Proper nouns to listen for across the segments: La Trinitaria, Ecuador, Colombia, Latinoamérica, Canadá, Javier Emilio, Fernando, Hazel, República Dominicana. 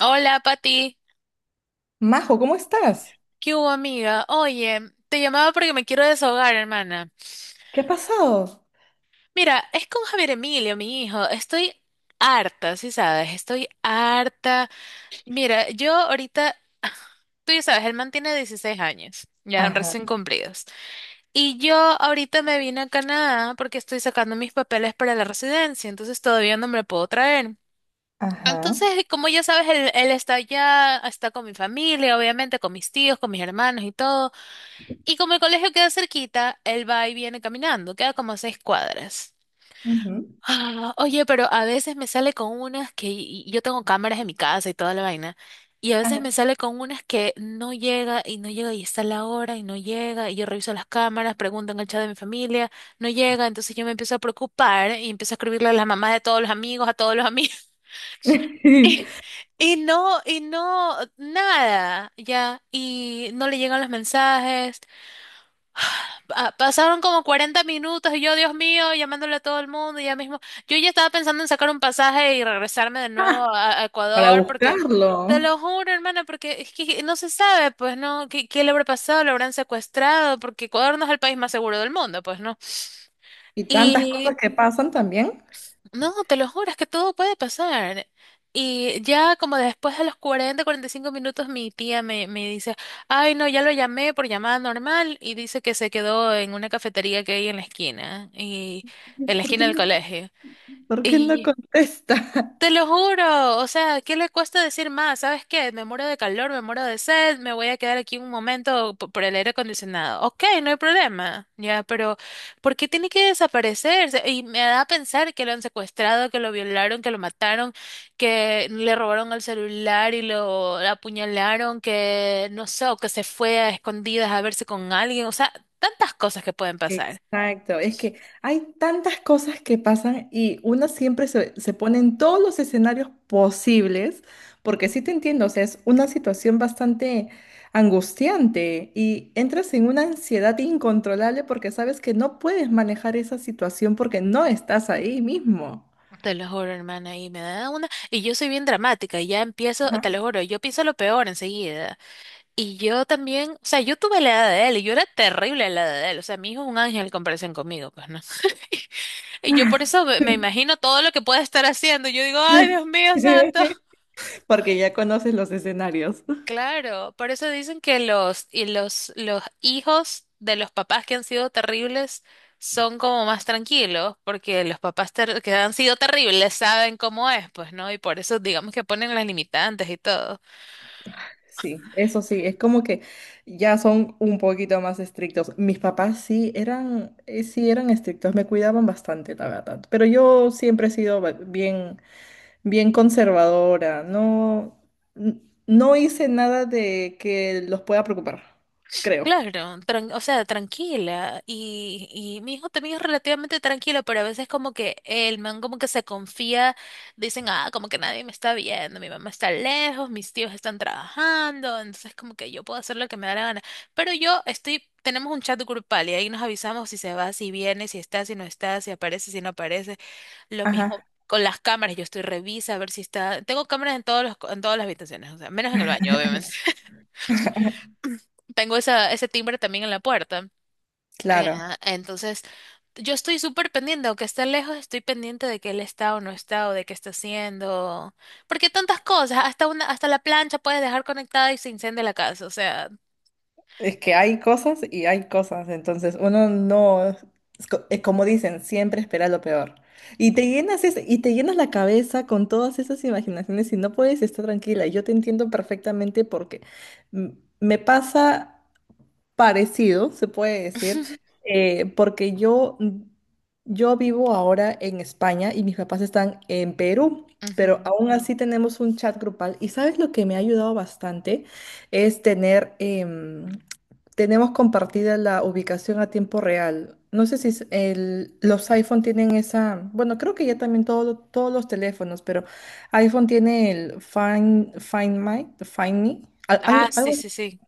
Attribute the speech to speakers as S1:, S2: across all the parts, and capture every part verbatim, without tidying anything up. S1: Hola, Pati.
S2: Majo, ¿cómo estás?
S1: ¿Qué hubo, amiga? Oye, te llamaba porque me quiero desahogar, hermana.
S2: ¿Qué ha pasado?
S1: Mira, es con Javier Emilio, mi hijo. Estoy harta, sí sabes, estoy harta. Mira, yo ahorita, tú ya sabes, el man tiene dieciséis años, ya
S2: Ajá,
S1: recién cumplidos. Y yo ahorita me vine a Canadá porque estoy sacando mis papeles para la residencia, entonces todavía no me lo puedo traer.
S2: ajá,
S1: Entonces, como ya sabes, él, él está allá, está con mi familia, obviamente, con mis tíos, con mis hermanos y todo. Y como el colegio queda cerquita, él va y viene caminando, queda como a seis cuadras.
S2: ujú,
S1: Ah, oye, pero a veces me sale con unas que y- y yo tengo cámaras en mi casa y toda la vaina, y a veces
S2: ajá.
S1: me sale con unas que no llega y no llega y está la hora y no llega, y yo reviso las cámaras, pregunto en el chat de mi familia, no llega, entonces yo me empiezo a preocupar y empiezo a escribirle a las mamás de todos los amigos, a todos los amigos, y, y no, y no, nada, ya, y no le llegan los mensajes. Pa- Pasaron como cuarenta minutos y yo, Dios mío, llamándole a todo el mundo y ya mismo. Yo ya estaba pensando en sacar un pasaje y regresarme de
S2: Ah,
S1: nuevo a, a
S2: para
S1: Ecuador porque, te
S2: buscarlo.
S1: lo juro, hermana, porque es que no se sabe, pues, ¿no? ¿Qué, qué le habrá pasado? ¿Lo habrán secuestrado? Porque Ecuador no es el país más seguro del mundo, pues, ¿no?
S2: Y tantas
S1: Y
S2: cosas que pasan también.
S1: no, te lo juro, es que todo puede pasar. Y ya como después de los cuarenta, cuarenta y cinco minutos, mi tía me, me dice, ay, no, ya lo llamé por llamada normal y dice que se quedó en una cafetería que hay en la esquina, y en la
S2: ¿Por
S1: esquina
S2: qué
S1: del
S2: no,
S1: colegio.
S2: por qué no contesta?
S1: Te lo juro, o sea, ¿qué le cuesta decir más? ¿Sabes qué? Me muero de calor, me muero de sed, me voy a quedar aquí un momento po- por el aire acondicionado. Ok, no hay problema, ya, pero ¿por qué tiene que desaparecerse? Y me da a pensar que lo han secuestrado, que lo violaron, que lo mataron, que le robaron el celular y lo apuñalaron, que no sé, o que se fue a escondidas a verse con alguien, o sea, tantas cosas que pueden pasar.
S2: Exacto, es que hay tantas cosas que pasan y una siempre se, se pone en todos los escenarios posibles, porque sí te entiendo, o sea, es una situación bastante angustiante y entras en una ansiedad incontrolable porque sabes que no puedes manejar esa situación porque no estás ahí mismo.
S1: Te lo juro, hermana, y me da una... Y yo soy bien dramática, y ya empiezo,
S2: Ajá.
S1: te lo juro, yo pienso lo peor enseguida. Y yo también, o sea, yo tuve la edad de él, y yo era terrible a la edad de él, o sea, mi hijo es un ángel en comparación conmigo, pues, ¿no? Y yo por eso me me imagino todo lo que puede estar haciendo, yo digo, ay, Dios mío, santo.
S2: Porque ya conoces los escenarios.
S1: Claro, por eso dicen que los, y los, los hijos de los papás que han sido terribles son como más tranquilos, porque los papás ter- que han sido terribles saben cómo es, pues, ¿no? Y por eso digamos que ponen las limitantes y todo.
S2: Sí, eso sí, es como que ya son un poquito más estrictos. Mis papás sí eran, eh, sí eran estrictos, me cuidaban bastante, la verdad. Pero yo siempre he sido ba- bien, bien conservadora. No, n- no hice nada de que los pueda preocupar, creo.
S1: Claro, tran- o sea, tranquila. Y, y mi hijo también es relativamente tranquilo, pero a veces como que el man como que se confía, dicen, ah, como que nadie me está viendo, mi mamá está lejos, mis tíos están trabajando, entonces como que yo puedo hacer lo que me da la gana. Pero yo estoy, tenemos un chat grupal y ahí nos avisamos si se va, si viene, si está, si no está, si aparece, si no aparece. Lo mismo
S2: Ajá.
S1: con las cámaras, yo estoy revisa a ver si está. Tengo cámaras en todos los, co- en todas las habitaciones, o sea, menos en el baño, obviamente. Tengo esa, ese timbre también en la puerta. Eh,
S2: Claro.
S1: ah, entonces, yo estoy súper pendiente, aunque esté lejos, estoy pendiente de que él está o no está, o de qué está haciendo. Porque tantas cosas, hasta una, hasta la plancha puedes dejar conectada y se incendia la casa, o sea.
S2: Es que hay cosas y hay cosas, entonces uno no, es co- es como dicen, siempre espera lo peor. Y te llenas es- y te llenas la cabeza con todas esas imaginaciones y no puedes estar tranquila. Yo te entiendo perfectamente porque mm, me pasa parecido, se puede decir, eh, porque yo, yo vivo ahora en España y mis papás están en Perú, pero
S1: Ujú.
S2: aún así tenemos un chat grupal. Y sabes lo que me ha ayudado bastante es tener, em, tenemos compartida la ubicación a tiempo real. No sé si es el- los iPhone tienen esa, bueno, creo que ya también todo- todos los teléfonos, pero iPhone tiene el Find, Find My, Find Me, al-
S1: Ah,
S2: al-
S1: sí,
S2: algo
S1: sí, sí,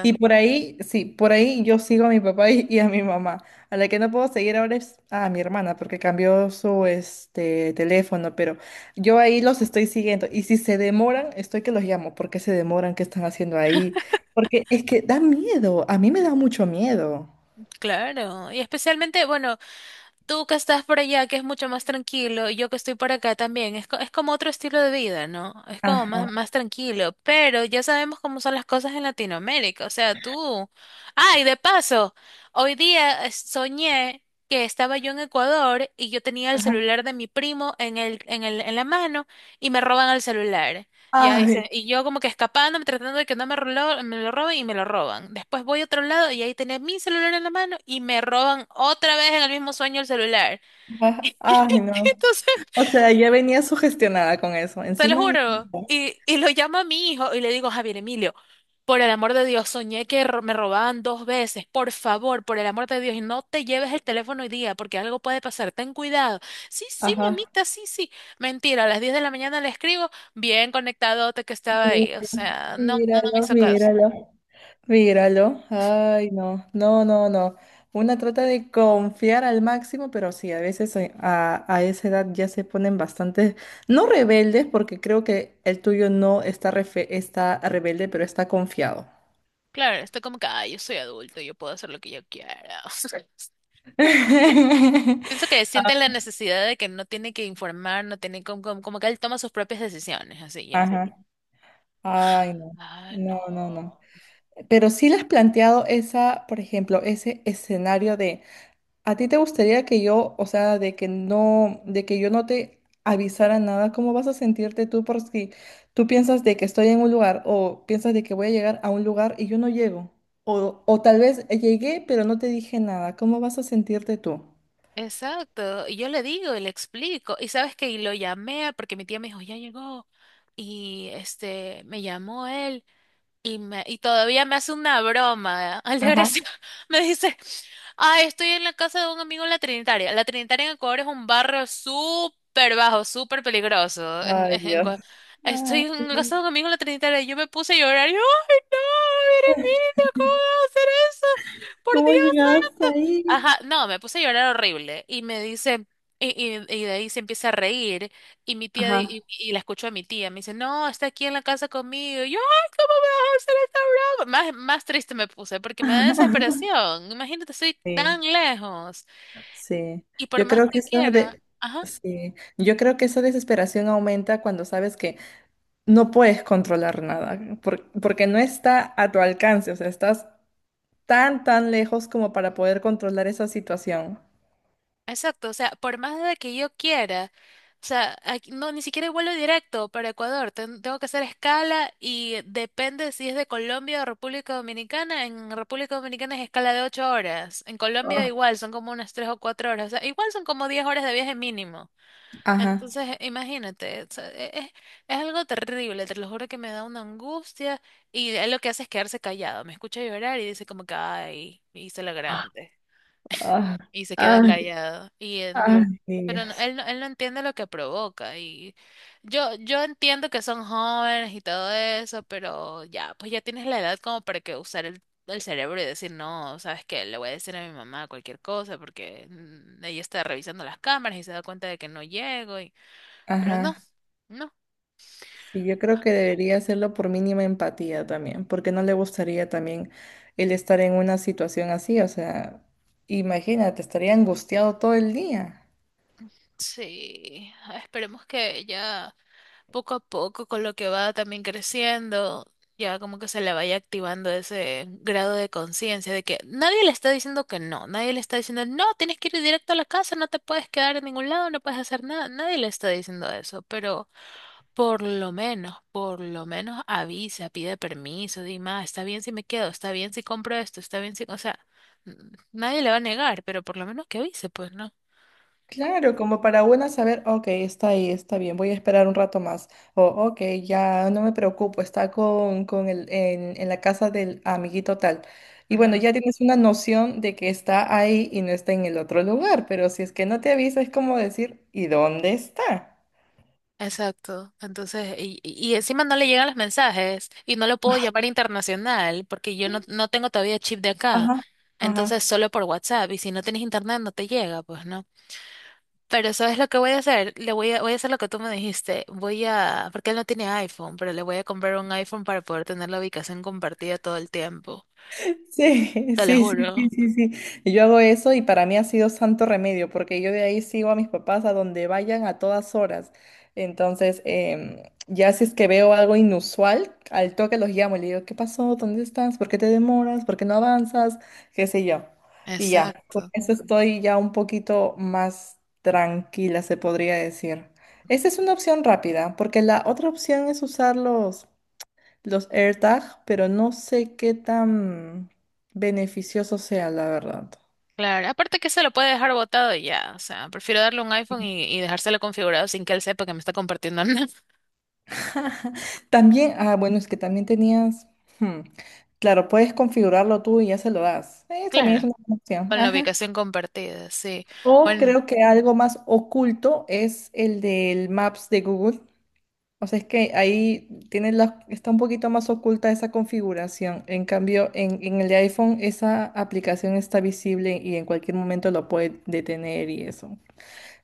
S2: y por ahí, sí, por ahí yo sigo a mi papá y, y a mi mamá. A la que no puedo seguir ahora es a mi hermana, porque cambió su este teléfono, pero yo ahí los estoy siguiendo. Y si se demoran, estoy que los llamo. ¿Por qué se demoran? ¿Qué están haciendo ahí? Porque es que da miedo. A mí me da mucho miedo.
S1: Claro. Y especialmente, bueno, tú que estás por allá, que es mucho más tranquilo, y yo que estoy por acá también, es, co- es como otro estilo de vida, ¿no? Es como más,
S2: Ajá,
S1: más tranquilo, pero ya sabemos cómo son las cosas en Latinoamérica, o sea, tú... Ay, de paso, hoy día eh, soñé que estaba yo en Ecuador y yo tenía el
S2: ajá.
S1: celular de mi primo en el, en el, en la mano y me roban el celular. Ya dice,
S2: Ay,
S1: y yo como que escapándome, tratando de que no me lo, me lo roben y me lo roban. Después voy a otro lado y ahí tenía mi celular en la mano y me roban otra vez en el mismo sueño el celular.
S2: ajá, ay,
S1: Y
S2: no.
S1: entonces,
S2: O sea, ya venía sugestionada con eso.
S1: te lo
S2: Encima,
S1: juro. Y, y lo llamo a mi hijo y le digo, Javier Emilio, por el amor de Dios, soñé que ro- me robaban dos veces. Por favor, por el amor de Dios, y no te lleves el teléfono hoy día porque algo puede pasar. Ten cuidado. Sí, sí, mi
S2: ajá.
S1: amita, sí, sí. Mentira, a las diez de la mañana le escribo, bien conectadote que estaba
S2: Sí,
S1: ahí. O sea, no, no, no me
S2: míralo,
S1: hizo caso.
S2: míralo. Míralo. Ay, no, no, no, no. Una trata de confiar al máximo, pero sí, a veces eh, a, a esa edad ya se ponen bastante, no rebeldes, porque creo que el tuyo no está, refe- está rebelde, pero está confiado.
S1: Claro, está como que, ay, yo soy adulto, yo puedo hacer lo que yo quiera. Pienso que siente la necesidad de que no tiene que informar, no tiene como, como, como que él toma sus propias decisiones, así ya.
S2: Ajá. Ay, no,
S1: Ah,
S2: no, no, no.
S1: no.
S2: Pero sí le has planteado esa, por ejemplo, ese escenario. ¿A ti te gustaría que yo, o sea, de que no, de que yo no te avisara nada? ¿Cómo vas a sentirte tú por si tú piensas de que estoy en un lugar o piensas de que voy a llegar a un lugar y yo no llego? O, o tal vez llegué pero no te dije nada. ¿Cómo vas a sentirte tú?
S1: Exacto. Y yo le digo y le explico. Y sabes que lo llamé porque mi tía me dijo, ya llegó. Y este, me llamó él. Y, me, y todavía me hace una broma, al
S2: Ajá.
S1: Altagracia. Me dice, ay, estoy en la casa de un amigo en la Trinitaria. La Trinitaria en Ecuador es un barrio súper bajo, súper peligroso. En-
S2: Ay,
S1: en- en
S2: Dios.
S1: Ecua- estoy
S2: Ay,
S1: en la casa de un amigo en la Trinitaria y yo me puse a llorar. Y yo, ay, no, mire mire ¿cómo vas a hacer eso? Por
S2: ¿cómo
S1: Dios.
S2: llegaste ahí?
S1: Ajá, no, me puse a llorar horrible y me dice, y, y- y de ahí se empieza a reír y mi tía,
S2: Ajá.
S1: di- y, y la escucho a mi tía, me dice, no, está aquí en la casa conmigo, y yo, ay, ¿cómo me vas a hacer esta broma? Más, más triste me puse porque me da desesperación, imagínate, estoy tan
S2: Sí,
S1: lejos
S2: sí.
S1: y por
S2: Yo
S1: más
S2: creo que
S1: que
S2: esa
S1: quiera,
S2: de,
S1: ajá.
S2: sí. Yo creo que esa desesperación aumenta cuando sabes que no puedes controlar nada, por- porque no está a tu alcance, o sea, estás tan, tan lejos como para poder controlar esa situación.
S1: Exacto, o sea, por más de que yo quiera, o sea, aquí- no, ni siquiera hay vuelo directo para Ecuador, ten- tengo que hacer escala y depende si es de Colombia o República Dominicana, en República Dominicana es escala de ocho horas, en Colombia
S2: Ah,
S1: igual son como unas tres o cuatro horas, o sea, igual son como diez horas de viaje mínimo,
S2: ajá.
S1: entonces eh, imagínate, o sea, e- es, es algo terrible, te lo juro que me da una angustia y él lo que hace es quedarse callado, me escucha llorar y dice como que, ay, hice lo grande
S2: Ah,
S1: y se queda
S2: ah,
S1: callado. Y
S2: ah.
S1: él no-
S2: Los ah.
S1: pero
S2: Niños.
S1: no- él, no- Él no entiende lo que provoca. Y yo, yo entiendo que son jóvenes y todo eso, pero ya, pues ya tienes la edad como para que usar el, el cerebro y decir, no, ¿sabes qué? Le voy a decir a mi mamá cualquier cosa porque mm, ella está revisando las cámaras y se da cuenta de que no llego. Y... Pero no,
S2: Ajá.
S1: no.
S2: Sí, yo creo que debería hacerlo por mínima empatía también, porque no le gustaría también el estar en una situación así, o sea, imagínate, estaría angustiado todo el día.
S1: Sí, esperemos que ella poco a poco, con lo que va también creciendo, ya como que se le vaya activando ese grado de conciencia de que nadie le está diciendo que no, nadie le está diciendo, no, tienes que ir directo a la casa, no te puedes quedar en ningún lado, no puedes hacer nada, nadie le está diciendo eso, pero por lo menos, por lo menos avisa, pide permiso, di más, está bien si me quedo, está bien si compro esto, está bien si, o sea, n- nadie le va a negar, pero por lo menos que avise, pues, ¿no?
S2: Claro, como para una saber, ok, está ahí, está bien, voy a esperar un rato más. O, ok, ya no me preocupo, está con, con el, en, en la casa del amiguito tal. Y bueno, ya tienes una noción de que está ahí y no está en el otro lugar, pero si es que no te avisa, es como decir, ¿y dónde está?
S1: Exacto. Entonces, y, y encima no le llegan los mensajes y no lo puedo llamar internacional porque yo no, no tengo todavía chip de acá.
S2: Ajá,
S1: Entonces,
S2: ajá.
S1: solo por WhatsApp y si no tienes internet no te llega, pues no. Pero ¿sabes lo que voy a hacer? Le voy a, voy a hacer lo que tú me dijiste. Voy a, porque él no tiene iPhone, pero le voy a comprar un iPhone para poder tener la ubicación compartida todo el tiempo.
S2: Sí,
S1: Te lo
S2: sí, sí, sí,
S1: juro.
S2: sí, sí. Y yo hago eso y para mí ha sido santo remedio porque yo de ahí sigo a mis papás a donde vayan a todas horas. Entonces, em, ya si es que veo algo inusual, al toque los llamo y le digo, ¿qué pasó? ¿Dónde estás? ¿Por qué te demoras? ¿Por qué no avanzas? ¿Qué sé yo? Y ya, con
S1: Exacto.
S2: eso estoy ya un poquito más tranquila, se podría decir. Esa es una opción rápida porque la otra opción es usarlos los AirTag, pero no sé qué tan beneficioso sea, la verdad.
S1: Claro, aparte que se lo puede dejar botado y ya, o sea, prefiero darle un iPhone y, y dejárselo configurado sin que él sepa que me está compartiendo nada.
S2: También, ah, bueno, es que también tenías, hmm, claro, puedes configurarlo tú y ya se lo das. Eh, también es
S1: Claro.
S2: una buena opción.
S1: Con la
S2: Ajá.
S1: ubicación compartida, sí.
S2: O
S1: Bueno,
S2: creo que algo más oculto es el del Maps de Google. O sea, es que ahí tiene la, está un poquito más oculta esa configuración. En cambio, en, en el de iPhone esa aplicación está visible y en cualquier momento lo puede detener y eso.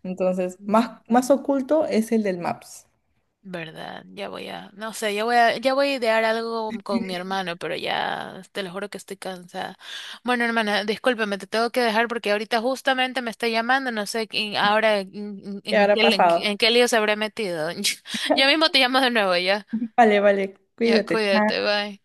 S2: Entonces,
S1: mm,
S2: más, más oculto es el del Maps.
S1: verdad, ya voy a, no sé, ya voy a, ya voy a idear algo con mi hermano, pero ya te lo juro que estoy cansada. Bueno, hermana, discúlpame, te tengo que dejar porque ahorita justamente me está llamando, no sé quién- ahora en, en-
S2: ¿Qué
S1: en
S2: habrá
S1: qué,
S2: pasado?
S1: en, qué lío se habrá metido. Yo mismo te llamo de nuevo, ya.
S2: Vale, vale,
S1: Ya,
S2: cuídate.
S1: cuídate,
S2: Chao.
S1: bye.